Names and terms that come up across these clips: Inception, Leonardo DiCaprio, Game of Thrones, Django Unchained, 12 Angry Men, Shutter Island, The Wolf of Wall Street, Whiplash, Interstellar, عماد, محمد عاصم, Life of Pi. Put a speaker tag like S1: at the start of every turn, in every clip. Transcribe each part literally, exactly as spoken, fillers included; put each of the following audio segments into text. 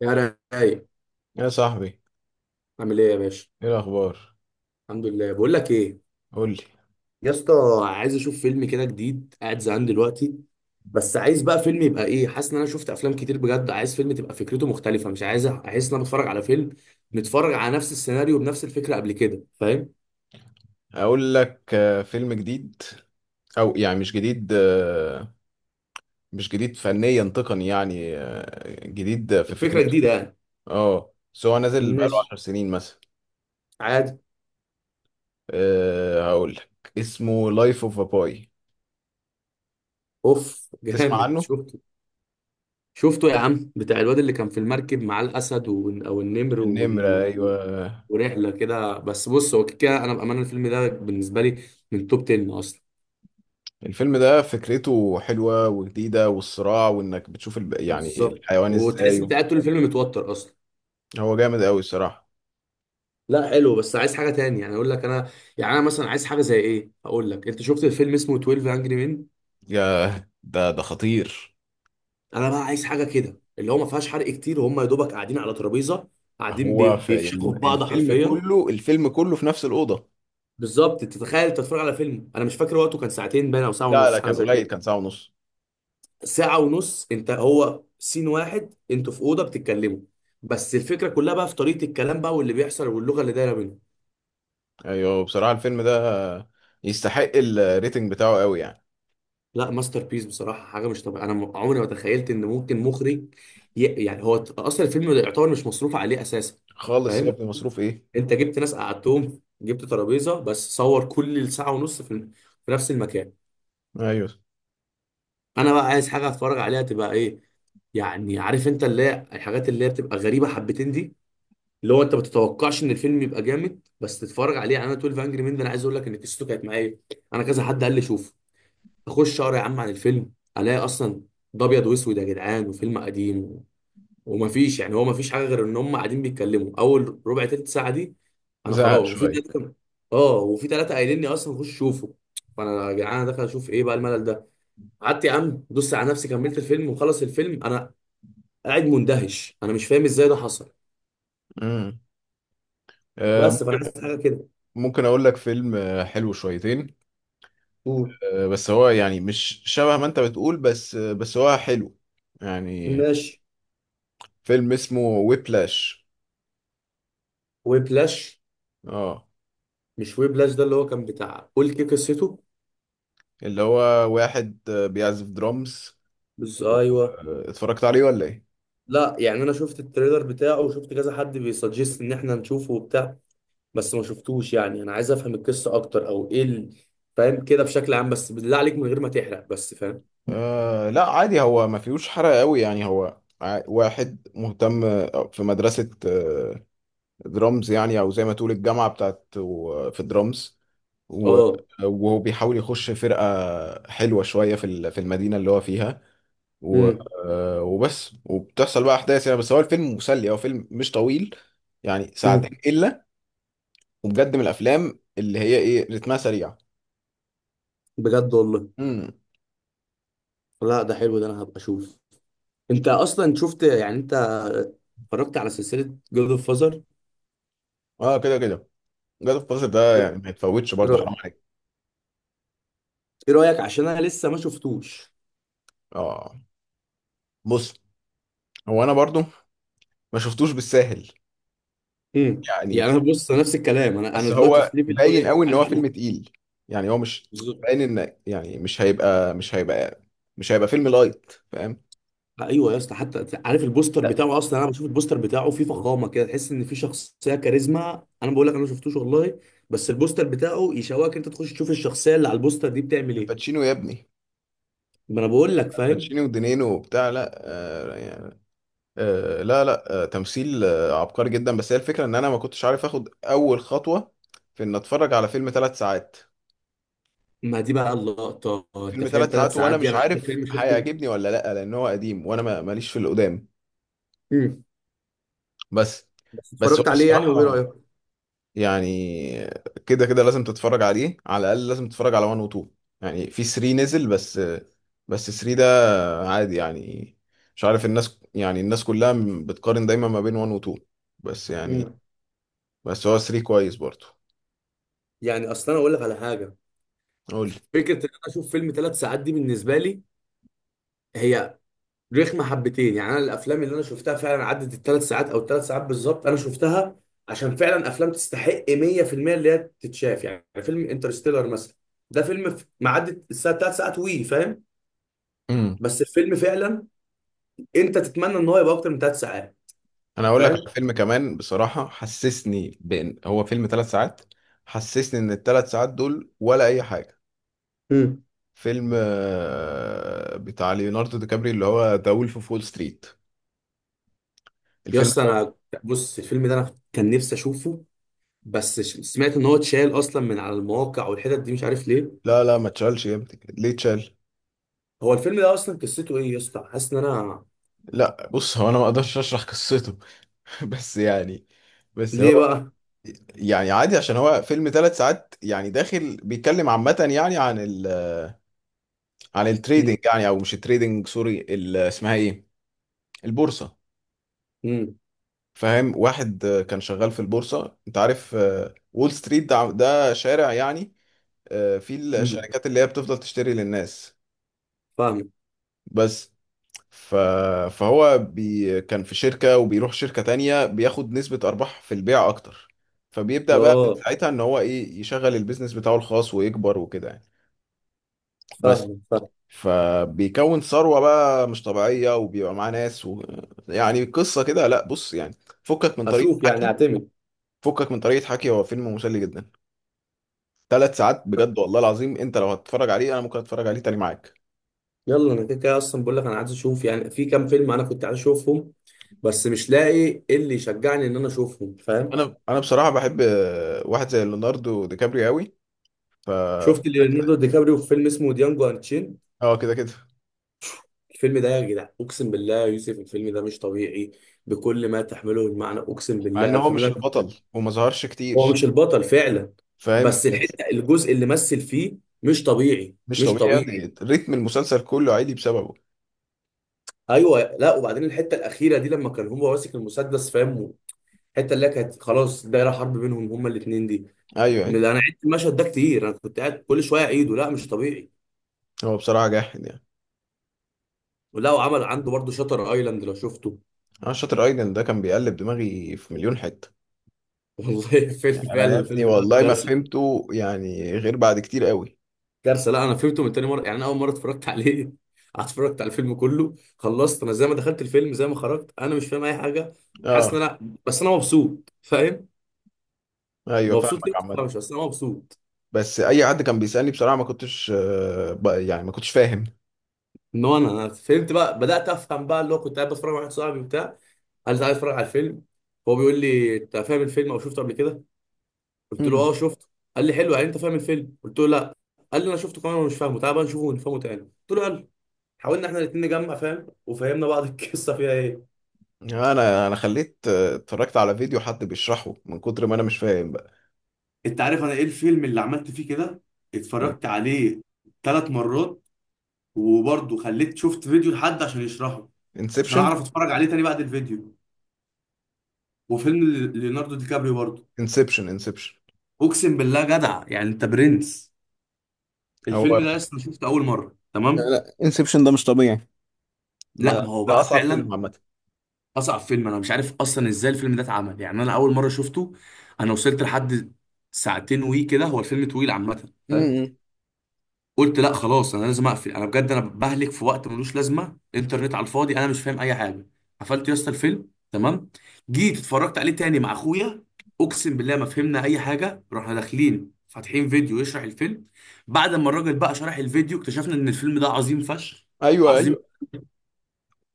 S1: يا رايق،
S2: يا صاحبي،
S1: عامل ايه يا باشا؟
S2: ايه الاخبار؟
S1: الحمد لله. بقول لك ايه،
S2: قول لي.
S1: يا اسطى، عايز اشوف فيلم كده جديد، قاعد زهقان دلوقتي. بس عايز بقى فيلم يبقى ايه، حاسس ان انا شفت افلام كتير، بجد عايز فيلم تبقى فكرته مختلفه، مش عايز احس ان انا بتفرج على فيلم متفرج على نفس السيناريو بنفس الفكره قبل كده، فاهم؟
S2: اقول لك، آه، فيلم جديد. او يعني مش جديد، آه، مش جديد فنيا تقني يعني، آه، جديد في
S1: فكره
S2: فكرته.
S1: جديده يعني.
S2: اه، بس هو نازل بقاله
S1: ماشي.
S2: عشر سنين مثلا.
S1: عادي.
S2: أه، هقول لك اسمه لايف اوف باي.
S1: اوف
S2: تسمع
S1: جامد،
S2: عنه؟
S1: شفت؟ شفته يا عم، بتاع الواد اللي كان في المركب مع الاسد ون... او النمر
S2: النمرة،
S1: ون... و-
S2: ايوه.
S1: ورحله كده. بس بص، هو كده انا بامانه الفيلم ده بالنسبه لي من توب عشرة اصلا.
S2: الفيلم ده فكرته حلوة وجديدة، والصراع، وانك بتشوف الب... يعني
S1: بالظبط،
S2: الحيوان
S1: وتحس انت
S2: ازاي.
S1: قاعد طول الفيلم متوتر اصلا.
S2: هو جامد قوي الصراحة.
S1: لا حلو، بس عايز حاجه تاني يعني اقول لك انا. يعني انا مثلا عايز حاجه زي ايه، اقول لك، انت شفت الفيلم اسمه اثنا عشر انجري مين؟
S2: يا، ده ده خطير.
S1: انا بقى عايز حاجه كده اللي هو ما فيهاش حرق كتير، وهم يا دوبك قاعدين على ترابيزه قاعدين بي...
S2: هو في
S1: بيفشخوا
S2: الم-
S1: في بعض
S2: الفيلم
S1: حرفيا.
S2: كله الفيلم كله في نفس الأوضة.
S1: بالظبط، تتخيل انت تتفرج على فيلم، انا مش فاكر وقته كان ساعتين باين او ساعه
S2: لا، لا،
S1: ونص حاجه
S2: كان
S1: زي
S2: قليل،
S1: كده.
S2: كان ساعة ونص.
S1: ساعة ونص انت هو سين واحد، انتوا في أوضة بتتكلموا، بس الفكرة كلها بقى في طريقة الكلام بقى واللي بيحصل واللغة اللي دايرة بينهم.
S2: ايوه، بصراحة الفيلم ده يستحق الريتنج بتاعه قوي يعني.
S1: لا ماستر بيس بصراحة، حاجة مش طبيعية. أنا م- عمري ما تخيلت إن ممكن مخرج ي... يعني هو ت- أصلا الفيلم ده يعتبر مش مصروف عليه أساسا.
S2: خالص يا
S1: فاهم؟
S2: ابني، مصروف ايه؟
S1: أنت جبت ناس قعدتهم، جبت ترابيزة، بس صور كل الساعة ونص في, ال- في نفس المكان.
S2: ايوه.
S1: أنا بقى عايز حاجة أتفرج عليها تبقى إيه، يعني عارف، أنت اللي هي الحاجات اللي هي بتبقى غريبة حبتين دي، اللي هو انت ما تتوقعش ان الفيلم يبقى جامد بس تتفرج عليه. يعني انا اثنا عشر انجري مان ده انا عايز اقول لك ان قصته كانت معايا. انا كذا حد قال لي شوف، اخش اقرا يا عم عن الفيلم، الاقي اصلا ده ابيض واسود يا جدعان، وفيلم قديم و- ومفيش، يعني هو مفيش حاجه غير ان هم قاعدين بيتكلموا اول ربع تلت ساعه دي. انا
S2: زهق
S1: خلاص، وفي
S2: شوية.
S1: تلاته كم- اه، وفي تلاته قايلين لي اصلا خش شوفه. فانا يا جدعان انا داخل اشوف ايه بقى الملل ده. قعدت يا عم دوست على نفسي كملت الفيلم، وخلص الفيلم انا قاعد مندهش، انا مش فاهم ازاي ده حصل.
S2: امم. آه،
S1: بس فانا
S2: ممكن.
S1: عايز حاجه كده.
S2: ممكن اقول لك فيلم آه، حلو شويتين.
S1: قول.
S2: آه، بس هو يعني مش شبه ما انت بتقول، بس آه، بس هو حلو يعني.
S1: ماشي.
S2: فيلم اسمه ويبلاش.
S1: ويبلاش.
S2: اه.
S1: مش ويبلاش ده اللي هو كان بتاع قول كيك قصته؟
S2: اللي هو واحد آه، بيعزف درامز.
S1: بس
S2: و-
S1: ايوه.
S2: آه، اتفرجت عليه ولا ايه؟
S1: لا، يعني انا شفت التريلر بتاعه وشفت كذا حد بيسجست ان احنا نشوفه وبتاع، بس ما شفتوش. يعني انا عايز افهم القصه اكتر، او ايه ال- فاهم، كده بشكل عام، بس بالله عليك من غير ما تحرق، بس فاهم.
S2: آه، لا، عادي، هو ما فيهوش حرق قوي يعني، هو ع- واحد مهتم آه، في مدرسة آه، درامز يعني، أو زي ما تقول الجامعة بتاعت و- في الدرامز. و-
S1: اه.
S2: وهو بيحاول يخش فرقة حلوة شوية في ال- في المدينة اللي هو فيها. و-
S1: امم،
S2: آه، وبس، وبتحصل بقى أحداث يعني، بس هو الفيلم مسلي، هو فيلم مش طويل، يعني ساعتين
S1: امم.
S2: إلا. وبجد من الأفلام اللي هي إيه، رتمها سريع.
S1: بجد والله؟
S2: امم.
S1: لا ده حلو، ده انا هبقى اشوف. انت اصلا شفت يعني، انت اتفرجت على سلسله جود اوف فازر؟
S2: اه، كده كده. جاد اوف ده
S1: ايه
S2: يعني ما يتفوتش برضه،
S1: رأ-
S2: حرام عليك.
S1: إيه رايك، عشان انا لسه ما شفتوش.
S2: اه. بص، هو انا برضو ما شفتوش بالساهل
S1: امم، يعني
S2: يعني.
S1: انا بص نفس الكلام، انا انا
S2: بس
S1: دلوقتي في
S2: هو
S1: ليفل اللي هو
S2: باين
S1: ايه،
S2: قوي ان
S1: عايز
S2: هو فيلم
S1: اشوف.
S2: تقيل، يعني هو مش
S1: بالظبط.
S2: باين ان يعني مش هيبقى مش هيبقى مش هيبقى فيلم لايت، فاهم؟
S1: ايوه يا اسطى، حتى عارف البوستر
S2: لا.
S1: بتاعه اصلا، انا بشوف البوستر بتاعه فيه فخامه كده، تحس ان في شخصيه كاريزما. انا بقول لك انا ما شفتوش والله، بس البوستر بتاعه يشوقك انت تخش تشوف الشخصيه اللي على البوستر دي بتعمل ايه.
S2: الباتشينو يا ابني.
S1: ما انا بقول لك، فاهم.
S2: الباتشينو ودينينو وبتاع، لا، آه يعني. آه، لا، لا، آه تمثيل آه عبقري جدا، بس هي الفكره ان انا ما كنتش عارف اخد اول خطوه في ان اتفرج على فيلم ثلاث ساعات.
S1: ما دي بقى اللقطه انت
S2: فيلم
S1: فاهم،
S2: ثلاث
S1: ثلاث
S2: ساعات وانا
S1: ساعات دي
S2: مش
S1: انا اخر
S2: عارف
S1: فيلم شفته.
S2: هيعجبني ولا لا، لان هو قديم، وانا ما- ماليش في القدام.
S1: امم.
S2: بس،
S1: بس
S2: بس هو
S1: اتفرجت عليه يعني، وايه
S2: الصراحه،
S1: رايك؟
S2: يعني كده كده لازم تتفرج عليه، على الاقل لازم تتفرج على واحد و اتنين. يعني في تلاته نزل بس، بس تلاته ده عادي يعني. مش عارف، الناس يعني الناس كلها بتقارن دايما ما بين واحد و اتنين، بس يعني.
S1: امم.
S2: بس هو تلاته كويس برضه.
S1: يعني اصلا انا اقول لك على حاجه.
S2: قول لي.
S1: فكره ان انا اشوف فيلم ثلاث ساعات دي بالنسبه لي هي رخمه حبتين. يعني انا الافلام اللي انا شفتها فعلا عدت الثلاث ساعات او الثلاث ساعات بالظبط، انا شفتها عشان فعلا افلام تستحق مية في المية اللي هي تتشاف. يعني فيلم انترستيلر مثلا ده فيلم ف- ما عدت الساعه ثلاث ساعات وي، فاهم؟
S2: امم.
S1: بس الفيلم فعلا انت تتمنى ان هو يبقى اكتر من ثلاث ساعات.
S2: انا هقول لك
S1: فاهم.
S2: على فيلم كمان بصراحة، حسسني بان هو فيلم ثلاث ساعات، حسسني ان الثلاث ساعات دول ولا اي حاجة.
S1: مم.
S2: فيلم آه، بتاع ليوناردو دي كابري، اللي هو ذا وولف اوف وول ستريت.
S1: يا
S2: الفيلم
S1: اسطى
S2: ده.
S1: انا، بص الفيلم ده انا كان نفسي اشوفه، بس ش- سمعت ان هو اتشال اصلا من على المواقع والحتت دي، مش عارف ليه.
S2: لا، لا، ما تشالش يا ابني، ليه تشال؟
S1: هو الفيلم ده اصلا قصته ايه يا اسطى، حاسس ان انا.
S2: لا، بص، هو انا ما اقدرش اشرح قصته. بس يعني، بس
S1: ليه
S2: هو
S1: بقى؟
S2: يعني عادي، عشان هو فيلم ثلاث ساعات، يعني داخل بيتكلم عامة يعني عن ال عن التريدنج
S1: امم.
S2: يعني، او مش التريدنج، سوري، ال- اسمها ايه؟ البورصة. فاهم، واحد آه، كان شغال في البورصة، انت عارف آه، وول ستريت، ده ده شارع يعني آه، فيه
S1: امم.
S2: الشركات اللي هي بتفضل تشتري للناس.
S1: فاهم.
S2: بس، ف... فهو بي... كان في شركة، وبيروح شركة تانية بياخد نسبة أرباح في البيع أكتر. فبيبدأ بقى من
S1: اه.
S2: ساعتها إن هو إيه يشغل البيزنس بتاعه الخاص، ويكبر وكده يعني. بس
S1: فاهم فاهم.
S2: فبيكون ثروة بقى مش طبيعية، وبيبقى معاه ناس و... يعني قصة كده، لا، بص يعني، فكك من طريقة
S1: اشوف يعني،
S2: حكي
S1: اعتمد.
S2: فكك من طريقة حكي هو فيلم مسلي جدا، ثلاث ساعات، بجد والله العظيم، انت لو هتتفرج عليه انا ممكن اتفرج عليه تاني معاك.
S1: يلا انا كده كده اصلا بقول لك، انا عايز اشوف. يعني في كام فيلم انا كنت عايز اشوفهم، بس مش لاقي إيه اللي يشجعني ان انا اشوفهم، فاهم.
S2: انا انا بصراحة بحب آه، واحد زي ليوناردو دي كابريو قوي. ف
S1: شفت ليوناردو دي كابريو في فيلم اسمه ديانجو انتشين؟
S2: اه، كده كده.
S1: الفيلم ده يا جدع اقسم بالله يا يوسف الفيلم ده مش طبيعي، بكل ما تحمله المعنى. اقسم
S2: مع ان
S1: بالله
S2: هو
S1: الفيلم
S2: مش
S1: ده كنت-
S2: البطل وما ظهرش
S1: هو
S2: كتير.
S1: مش البطل فعلا،
S2: فاهم
S1: بس
S2: بس.
S1: الحته، الجزء اللي مثل فيه مش طبيعي،
S2: مش
S1: مش
S2: طبيعي يا
S1: طبيعي.
S2: ابني، ريتم المسلسل كله عالي بسببه.
S1: ايوه. لا وبعدين الحته الاخيره دي لما كان هو ماسك المسدس، فاهم، الحته اللي هي كانت خلاص دايره حرب بينهم هما الاثنين دي.
S2: ايوه،
S1: من-
S2: ايوه.
S1: انا عدت المشهد ده كتير، انا كنت قاعد كل شويه اعيده، لا مش طبيعي.
S2: هو بصراحه جاحد يعني.
S1: ولا وعمل عنده برضه شاتر ايلاند، لو شفته.
S2: انا شاطر ايضا، ده كان بيقلب دماغي في مليون حته.
S1: والله
S2: يعني
S1: فيلم
S2: انا
S1: فعلا،
S2: يا ابني
S1: الفيلم ده
S2: والله ما
S1: كارثه.
S2: فهمته يعني غير بعد كتير قوي.
S1: كارثه. لا انا فهمته من تاني مره، يعني انا اول مره اتفرجت عليه اتفرجت على الفيلم كله، خلصت انا زي ما دخلت الفيلم زي ما خرجت، انا مش فاهم اي حاجه. حاسس
S2: اه.
S1: ان انا، بس انا مبسوط، فاهم.
S2: ايوه،
S1: مبسوط ليه
S2: فاهمك
S1: ما
S2: عامه.
S1: تفهمش؟ بس انا مبسوط.
S2: بس اي حد كان بيسالني بصراحه ما كنتش آه، ب- يعني ما كنتش فاهم.
S1: ان هو انا، أنا فهمت بقى، بدات افهم بقى، اللي هو كنت قاعد بتفرج مع واحد صاحبي وبتاع، قال لي تعالى اتفرج على الفيلم. هو بيقول لي انت فاهم الفيلم او شفته قبل كده، قلت له
S2: مم.
S1: اه شفته. قال لي حلو، يعني انت فاهم الفيلم؟ قلت له لا. قال لي انا شفته كمان ومش فاهمه، تعالى بقى نشوفه ونفهمه تاني. قلت له يلا. حاولنا احنا الاثنين نجمع فاهم، وفهمنا بعض القصه فيها ايه.
S2: انا انا خليت آه، اتفرجت على فيديو حد بيشرحه من كتر ما انا مش فاهم بقى.
S1: انت عارف انا ايه الفيلم اللي عملت فيه كده؟
S2: ايه؟
S1: اتفرجت عليه ثلاث مرات، وبرضه خليت شفت فيديو لحد عشان يشرحه، عشان
S2: انسبشن،
S1: اعرف اتفرج عليه تاني بعد الفيديو. وفيلم ليوناردو دي كابريو برضه.
S2: انسبشن. انسبشن.
S1: اقسم بالله جدع يعني، انت برنس.
S2: هو،
S1: الفيلم ده لسه شفته اول مره،
S2: لا،
S1: تمام.
S2: لا، انسبشن ده مش طبيعي.
S1: لا ما
S2: لا،
S1: هو
S2: ده
S1: بقى
S2: اصعب
S1: فعلا.
S2: فيلم عامه.
S1: اصعب فيلم، انا مش عارف اصلا ازاي الفيلم ده اتعمل، يعني انا اول مره شفته، انا وصلت لحد ساعتين وي كده، هو الفيلم طويل عامه، فاهم.
S2: امم.
S1: قلت لا خلاص انا لازم اقفل، انا بجد انا بهلك في وقت ملوش لازمه، انترنت على الفاضي، انا مش فاهم اي حاجه. قفلت يا اسطى الفيلم، تمام. جيت اتفرجت عليه تاني مع اخويا، اقسم بالله ما فهمنا اي حاجه. رحنا داخلين فاتحين فيديو يشرح الفيلم. بعد ما الراجل بقى شرح الفيديو، اكتشفنا ان الفيلم ده عظيم فشخ،
S2: ايوه،
S1: عظيم.
S2: ايوه.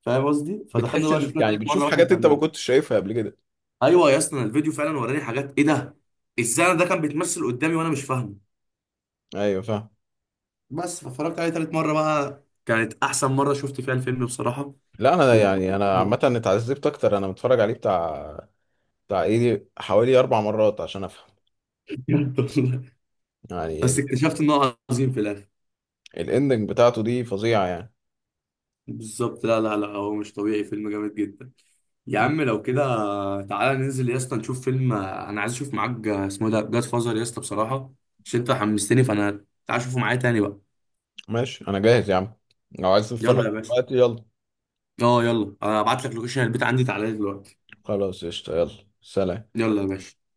S1: فاهم قصدي؟ فدخلنا
S2: بتحس
S1: بقى
S2: ان
S1: شفناه
S2: يعني
S1: تالت مره
S2: بتشوف
S1: واحنا
S2: حاجات انت ما
S1: فاهمين.
S2: كنتش شايفها قبل كده.
S1: ايوه يا اسطى، أنا الفيديو فعلا وراني حاجات ايه ده، ازاي انا ده كان بيتمثل قدامي وانا مش فاهمه.
S2: ايوه، فاهم.
S1: بس فاتفرجت عليه تالت مره بقى، كانت احسن مره شفت فيها الفيلم بصراحه.
S2: لا، انا
S1: من
S2: يعني انا عامه اتعذبت اكتر، انا متفرج عليه بتاع بتاع ايه، دي حوالي اربع مرات عشان افهم، يعني
S1: بس
S2: ال-
S1: اكتشفت ان هو عظيم في الاخر.
S2: الاندنج بتاعته دي فظيعه يعني.
S1: بالظبط. لا لا لا، هو مش طبيعي، فيلم جامد جدا. يا
S2: مم.
S1: عم لو كده تعالى ننزل يا اسطى نشوف فيلم، آه، انا عايز اشوف معاك، آه، اسمه إيه ده، جاد فازر، يا اسطى بصراحه عشان انت حمستني. فانا تعالى اشوفه معايا تاني بقى.
S2: ماشي، انا جاهز يا عم، لو عايز تتفرج
S1: يلا يا باشا.
S2: دلوقتي يلا.
S1: اه يلا، ابعت لك لوكيشن البيت عندي تعالى لي دلوقتي.
S2: خلاص، قشطه، يلا، سلام.
S1: يلا يا باشا.